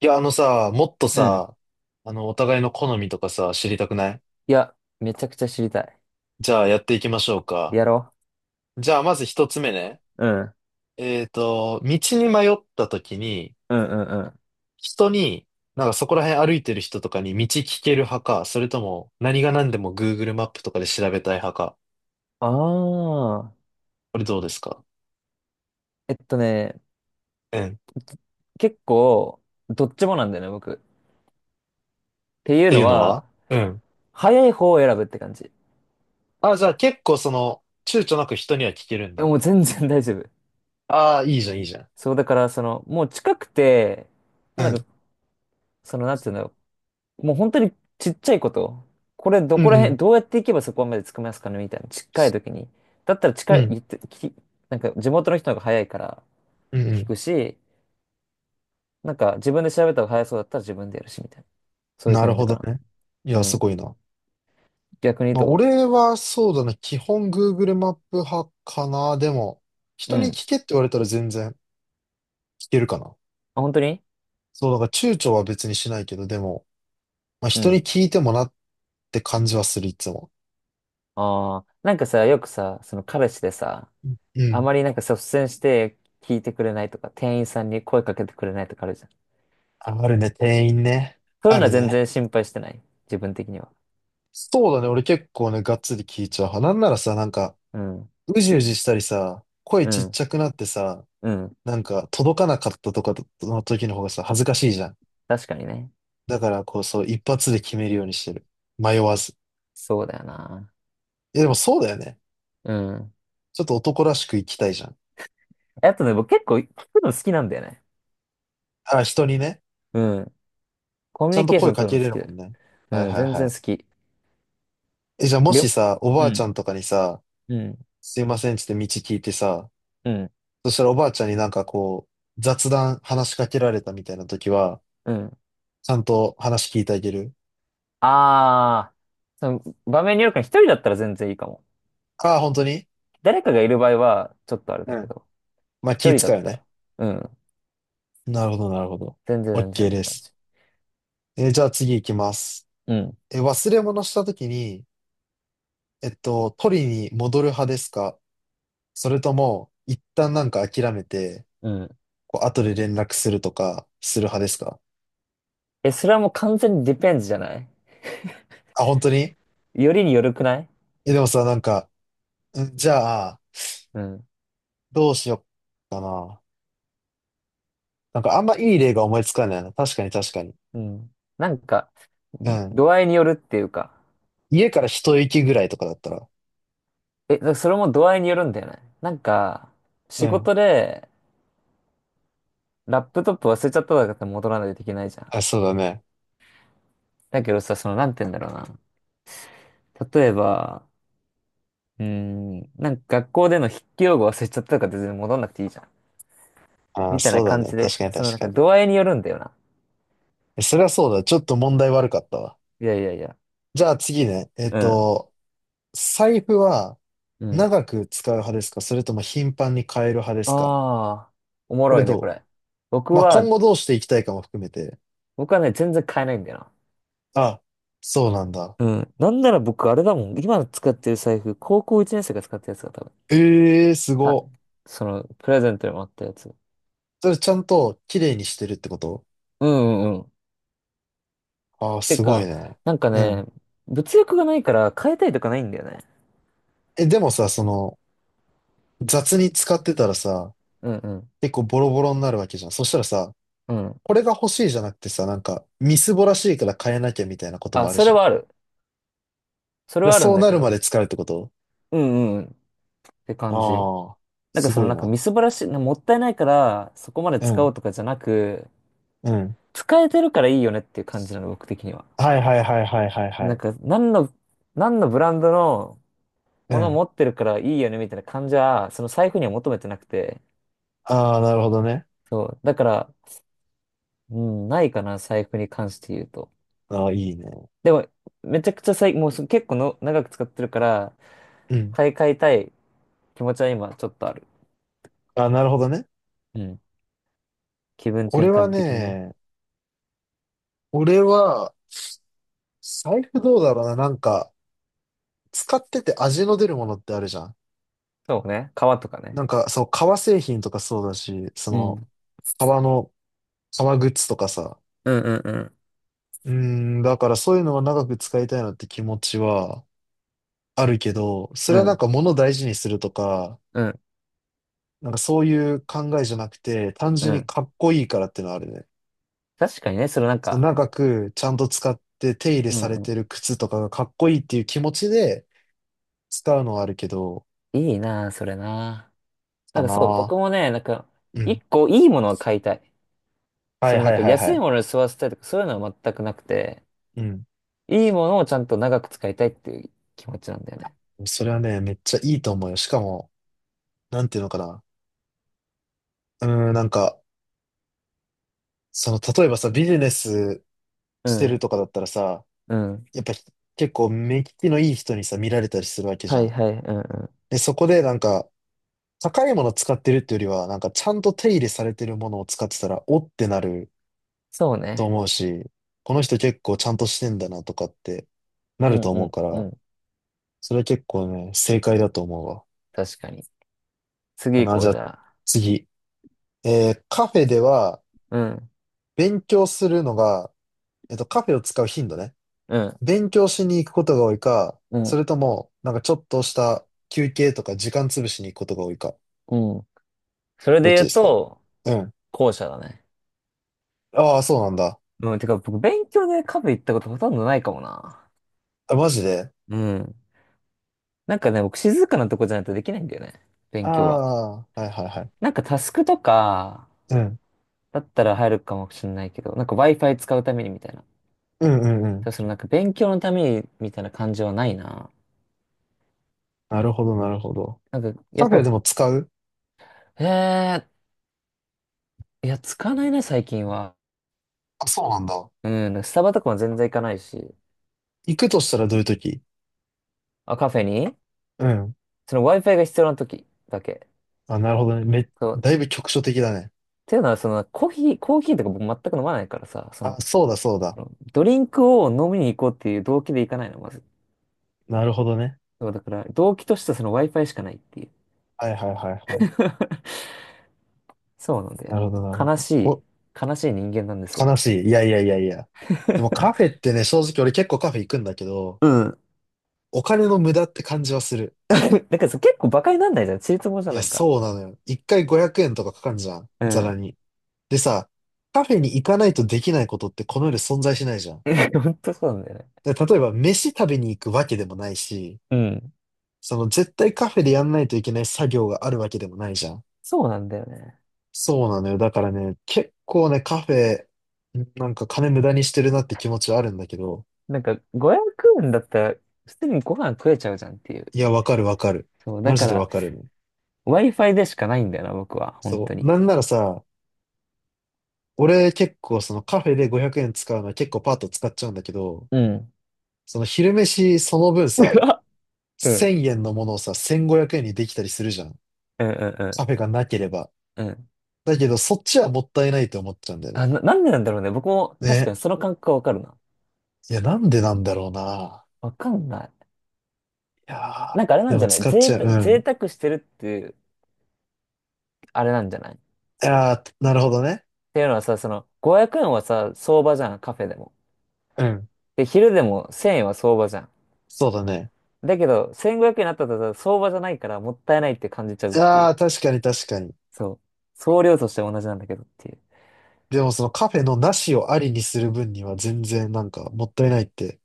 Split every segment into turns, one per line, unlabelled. いや、あのさ、もっと
うん。
さ、お互いの好みとかさ、知りたくない？
いや、めちゃくちゃ知りたい。
じゃあ、やっていきましょうか。
やろ。
じゃあ、まず一つ目ね。
うん。
道に迷った時に、
うんうんうん。うん。
人に、なんかそこら辺歩いてる人とかに道聞ける派か、それとも、何が何でも Google マップとかで調べたい派か。
ああ。
これどうですか？
ね、
うん。っ
結構、どっちもなんだよね、僕。っていう
てい
の
うの
は、
は？うん。
早い方を選ぶって感じ。
あ、じゃあ結構躊躇なく人には聞けるん
え、
だ。
もう全然大丈夫。
ああ、いいじゃん、いいじゃん。
そう、だから、その、もう近くて、
う
もう
ん。
なんか、その、なんていうんだろう。もう本当にちっちゃいこと。これ、ど
うん
こ
う
ら辺、
ん。
どうやって行けばそこまで着きますかねみたいな。近い時に。だったら
う
近い、
ん。
言って、なんか、地元の人の方が早いから
うん
聞
う
くし、なんか自分で調べた方が早そうだったら自分でやるし、みたいな。そ
ん。
ういう
なる
感じ
ほ
か
ど
な。
ね。いや、
う
す
ん。
ごいな。
逆に
まあ、
ど
俺はそうだね。基本 Google マップ派かな。でも、
う
人
う
に
ん。
聞けって言われたら全然聞けるかな。
あ、本当に？
そう、だから躊躇は別にしないけど、でも、まあ、
う
人に
ん。
聞いてもなって感じはする、いつも。
ああ、なんかさ、よくさ、その彼氏でさ、
う
あ
ん。
まりなんか率先して聞いてくれないとか、店員さんに声かけてくれないとかあるじゃん。
あるね、店員ね。
そうい
あ
うの
る
は全
ね。
然心配してない。自分的には。
そうだね。俺結構ね、がっつり聞いちゃう派。なんならさ、なんか、
うん。
うじうじしたりさ、声
う
ちっ
ん。
ちゃくなってさ、
うん。
なんか、届かなかったとかの時の方がさ、恥ずかしいじゃん。
確かにね。
だから、こう、そう、一発で決めるようにしてる。迷わず。
そうだよな。
え、でもそうだよね。
うん。
ちょっと男らしく生きたいじゃん。
あとね、僕結構聞くの好きなんだよね。
あ、人にね。
うん。コミ
ち
ュ
ゃん
ニ
と
ケーショ
声
ン
か
取る
け
の
れ
好
る
きだ
も
よ。
んね。はい
うん。
はい
全
は
然
い。
好き。
え、じゃあも
り
し
ょ
さ、お
う
ばあちゃ
ん。
んとかにさ、
うん。
すいませんっつって道聞いてさ、
うん。
そしたらおばあちゃんになんかこう、雑談話しかけられたみたいな時は、
うん。
ちゃんと話聞いてあげる？
ああ、その場面によるから一人だったら全然いいかも。
ああ、本当に？
誰かがいる場合は、ちょっとあれだ
う
け
ん。
ど、
まあ
一
気
人だ
使
っ
うよ
た
ね。
ら、うん、
なるほどなるほど。
全然全然
OK
っ
で
て感
す。
じ。
え、じゃあ次行きます。
うん。
忘れ物した時に、取りに戻る派ですか？それとも、一旦なんか諦めて、
うん。
こう後で連絡するとか、する派ですか？
え、それはもう完全にディペンズじゃない？
あ、本当に？
よりによるくない？
え、でもさ、なんか、んじゃあ、
うん。
どうしよっかな。なんかあんまいい例が思いつかないな。確かに確かに。
うん。なんか、
うん。
度合いによるっていうか。
家から一息ぐらいとかだったら。
え、だからそれも度合いによるんだよね。なんか、
う
仕
ん。
事で、ラップトップ忘れちゃったとかって戻らないといけないじゃん。
あ、そうだね。
だけどさ、その、なんて言うんだろうな。例えば、なんか学校での筆記用語忘れちゃったとかって全然戻んなくていいじゃん。
あ、
みたい
そ
な
うだ
感
ね。
じ
確
で、
かに
その
確
なん
か
か
に。
度合いによるんだよな。
え、それはそうだ。ちょっと問題悪かったわ。
いやいやいや。
じゃあ次ね。
うん。
財布は
うん。
長く使う派ですか？それとも頻繁に変える派ですか？
ああ、おも
これ
ろいね、こ
ど
れ。僕
う？まあ、今
は、
後どうしていきたいかも含めて。
僕はね、全然買えないんだよな。
あ、そうなんだ。
うん。なんなら僕、あれだもん。今使ってる財布、高校1年生が使ったやつが多分。
ええー、す
た、
ご。
その、プレゼントにもあったやつ。
それちゃんと綺麗にしてるってこと？
うんうんうん。
ああー、
て
すごい
か、
ね。
なんか
う
ね、
ん。
物欲がないから変えたいとかないんだよね。
え、でもさ、雑に使ってたらさ、
うんうん。
結構ボロボロになるわけじゃん。そしたらさ、
うん。
これが欲しいじゃなくてさ、なんか、みすぼらしいから変えなきゃみたいなことも
あ、
ある
そ
じ
れ
ゃん。だ
は
か
ある。それ
ら
はある
そ
ん
う
だ
な
け
るま
ど、
で使うってこと？
うんうん、って
あ
感じ。
あー、
なんか
す
そ
ご
の
い
なんか
な。
みすぼらしい、なもったいないからそこまで
う
使お
ん、
うとかじゃなく、
うん。
使えてるからいいよねっていう感じなの、僕的には。
はいはいはいはいはいは
なん
い。
か、何のブランドの
う
ものを
ん。
持ってるからいいよねみたいな感じは、その財布には求めてなくて。
ああ、なるほどね。
そう。だから、うん、ないかな、財布に関して言うと。
ああ、いいね。
でも、めちゃくちゃ最、もうそ結構の長く使ってるから、
うん。
買い替えたい気持ちは今ちょっとある。
ああ、なるほどね。
うん。気分転
俺は
換的にね。
ね、俺は、財布どうだろうな。なんか、使ってて味の出るものってあるじゃん。
そうね。革とか
な
ね。
んか、そう、革製品とかそうだし、
うん。
革の、革グッズとかさ。
うんうんうん。
うーん、だからそういうのは長く使いたいなって気持ちはあるけど、そ
う
れはなん
ん
か物を大事にするとか、
うん
なんかそういう考えじゃなくて、単
う
純に
ん。
かっこいいからっていうのはあるね。
確かにね、そのなん
その
か、
長くちゃんと使って手入れ
うん
され
う
てる
ん、
靴とかがかっこいいっていう気持ちで使うのはあるけど、
いいなあ、それなあ。な
か
んかそう、僕
な。
もね、なんか、
う
一
ん。
個いいものを買いたい。
は
そ
い
のなん
はい
か
はいは
安い
い。
ものに吸わせたいとかそういうのは全くなくて、
うん。
いいものをちゃんと長く使いたいっていう気持ちなんだよね。
それはね、めっちゃいいと思うよ。しかも、なんていうのかな。うーん、なんか、例えばさ、ビジネス
う
してる
ん。
とかだったらさ、
うん。
やっぱ結構目利きのいい人にさ、見られたりするわけじ
は
ゃ
い
ん。
はい。うんうん。
で、そこでなんか、高いもの使ってるっていうよりは、なんかちゃんと手入れされてるものを使ってたら、おってなる
そう
と
ね。
思うし、この人結構ちゃんとしてんだなとかってな
う
る
ん
と
う
思う
ん
か
う
ら、
ん。
それは結構ね、正解だと思うわ。
確かに。次
か
行
な、じ
こ
ゃ
う、じ
あ
ゃあ。
次。カフェでは
うん。
勉強するのが、カフェを使う頻度ね。
うん。
勉強しに行くことが多いか、
う
そ
ん。
れとも、なんかちょっとした休憩とか時間潰しに行くことが多いか。
うん。それ
ど
で
っ
言
ち
う
ですか？
と、
うん。
後者だね。
ああ、そうなんだ。
うん、てか僕勉強でカフェ行ったことほとんどないかもな。
あ、マジで？
うん。なんかね、僕静かなとこじゃないとできないんだよね。
あ
勉強は。
あ、はいはいはい。
なんかタスクとか
うん。
だったら入るかもしれないけど、なんか Wi-Fi 使うためにみたいな。
うんうんうん。
だそのなんか勉強のためにみたいな感じはないな。
なるほど
う
な
ん。
るほど。
なんかやっ
カフェで
ぱ、
も使う？
へえー、いや、使わないね、最近は。
あ、そうなんだ。
うん、なんかスタバとかも全然行かないし。
行くとしたらどういう時？
あ、カフェに、
うん。
その Wi-Fi が必要な時だけ。
あ、なるほどね。
そう。
だいぶ局所的だね。
っていうのは、その、コーヒーとか僕全く飲まないからさ、そ
あ、
の、
そうだそうだ。
ドリンクを飲みに行こうっていう動機で行かないの、まず。
なるほどね。
そうだから、動機としてはその Wi-Fi しかないっていう。
はいはいはいはい。
そうなんだよ
な
ね。
るほどなる
悲
ほ
しい、
ど。
悲しい人間なんです
悲
わ。
しい。いやいやいやいや。でもカフェってね、正直俺結構カフェ行くんだけど、
うん。
お金の無駄って感じはする。
だからさ、結構馬鹿になんないじゃん。ちりつモじ
い
ゃん、
や、
なんか。
そうなのよ。一回500円とかかかんじゃん。
う
ざ
ん。
らに。でさ、カフェに行かないとできないことってこの世で存在しないじゃん。
本当そうなんだよね。
で例えば飯食べに行くわけでもないし、
うん。
その絶対カフェでやんないといけない作業があるわけでもないじゃん。
そうなんだよね。
そうなのよ。だからね、結構ね、カフェ、なんか金無駄にしてるなって気持ちはあるんだけど、
なんか、500円だったら、普通にご飯食えちゃうじゃんっていう。
いや、わかるわかる。
そう、だ
マ
か
ジで
ら、
わかるね。
Wi-Fi でしかないんだよな、僕は。本
そ
当
う。
に。
なんならさ、俺結構そのカフェで500円使うのは結構パーッと使っちゃうんだけど、
うん。
その昼飯その分さ、
うん
1000円のものをさ、1500円にできたりするじゃん。
うんうんうんう
カ
ん。
フェがなければ。
うん。
だけどそっちはもったいないと思っちゃうんだよ
あ、
ね。
なんでなんだろうね。僕も確か
ね。
にその感覚はわかるな。
いや、なんでなんだろうな。
わかんない。
いや
なんかあれ
ー、
な
で
んじ
も
ゃない？
使っち
贅
ゃう。う
沢、贅
ん。
沢してるっていう、あれなんじゃない？っ
いやー、なるほどね。
ていうのはさ、その、500円はさ、相場じゃん、カフェでも。
うん。
で、昼でも1000円は相場じゃん。
そうだね。
だけど、1500円になったらさ相場じゃないからもったいないって感じちゃうっ
い
てい
や
う。
ー、確かに確かに。
そう。総量としては同じなんだけどっていう。
でもそのカフェのなしをありにする分には全然なんかもったいないって、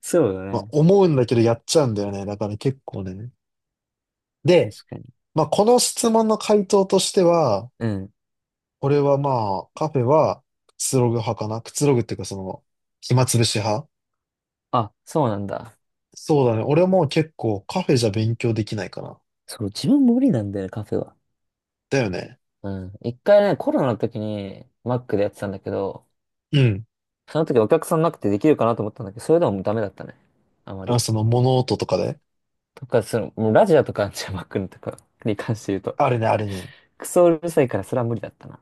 そうだ
まあ、
ね。
思うんだけどやっちゃうんだよね。だから結構ね。で、
確かに。
まあ、この質問の回答としては、
うん。
これはまあ、カフェはくつろぐ派かな。くつろぐっていうか暇つぶし派。
あ、そうなんだ。
そうだね。俺も結構カフェじゃ勉強できないかな。
そう、自分無理なんだよね、カフェは。
だよね。
うん。一回ね、コロナの時に、マックでやってたんだけど、
うん。
その時お客さんなくてできるかなと思ったんだけど、それでもダメだったね。あまり。
その物音とかで。
とか、その、もうラジオとかジャマックンとか に関して言うと、
あれね、あれね。
クソうるさいからそれは無理だったな。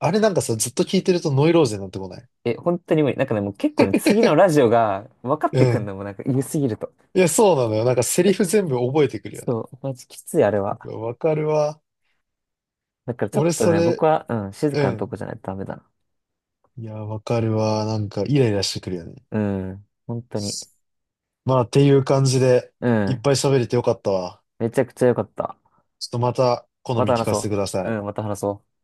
あれなんかさ、ずっと聞いてるとノイローゼになってこない？
え、本当に無理。なんかね、もう結構ね、次のラジオが分かっ
う
てくん
ん。
のもなんか言いすぎると。
いや、そうなのよ。なんかセリフ全部覚えてくるよね。
そう、マジきついあれ
う
は。
わわかるわ。
だからちょっ
俺
と
そ
ね、
れ、
僕は、うん、静
う
かなと
ん。
こじゃないとダメだな。
いや、わかるわ。なんかイライラしてくるよね。
うん、本当に。
まあ、っていう感じで、
う
いっ
ん、
ぱい喋れてよかったわ。
めちゃくちゃ良かった。
ちょっとまた、好
ま
み
た
聞
話
かせて
そ
くださ
う。
い。
うん、また話そう。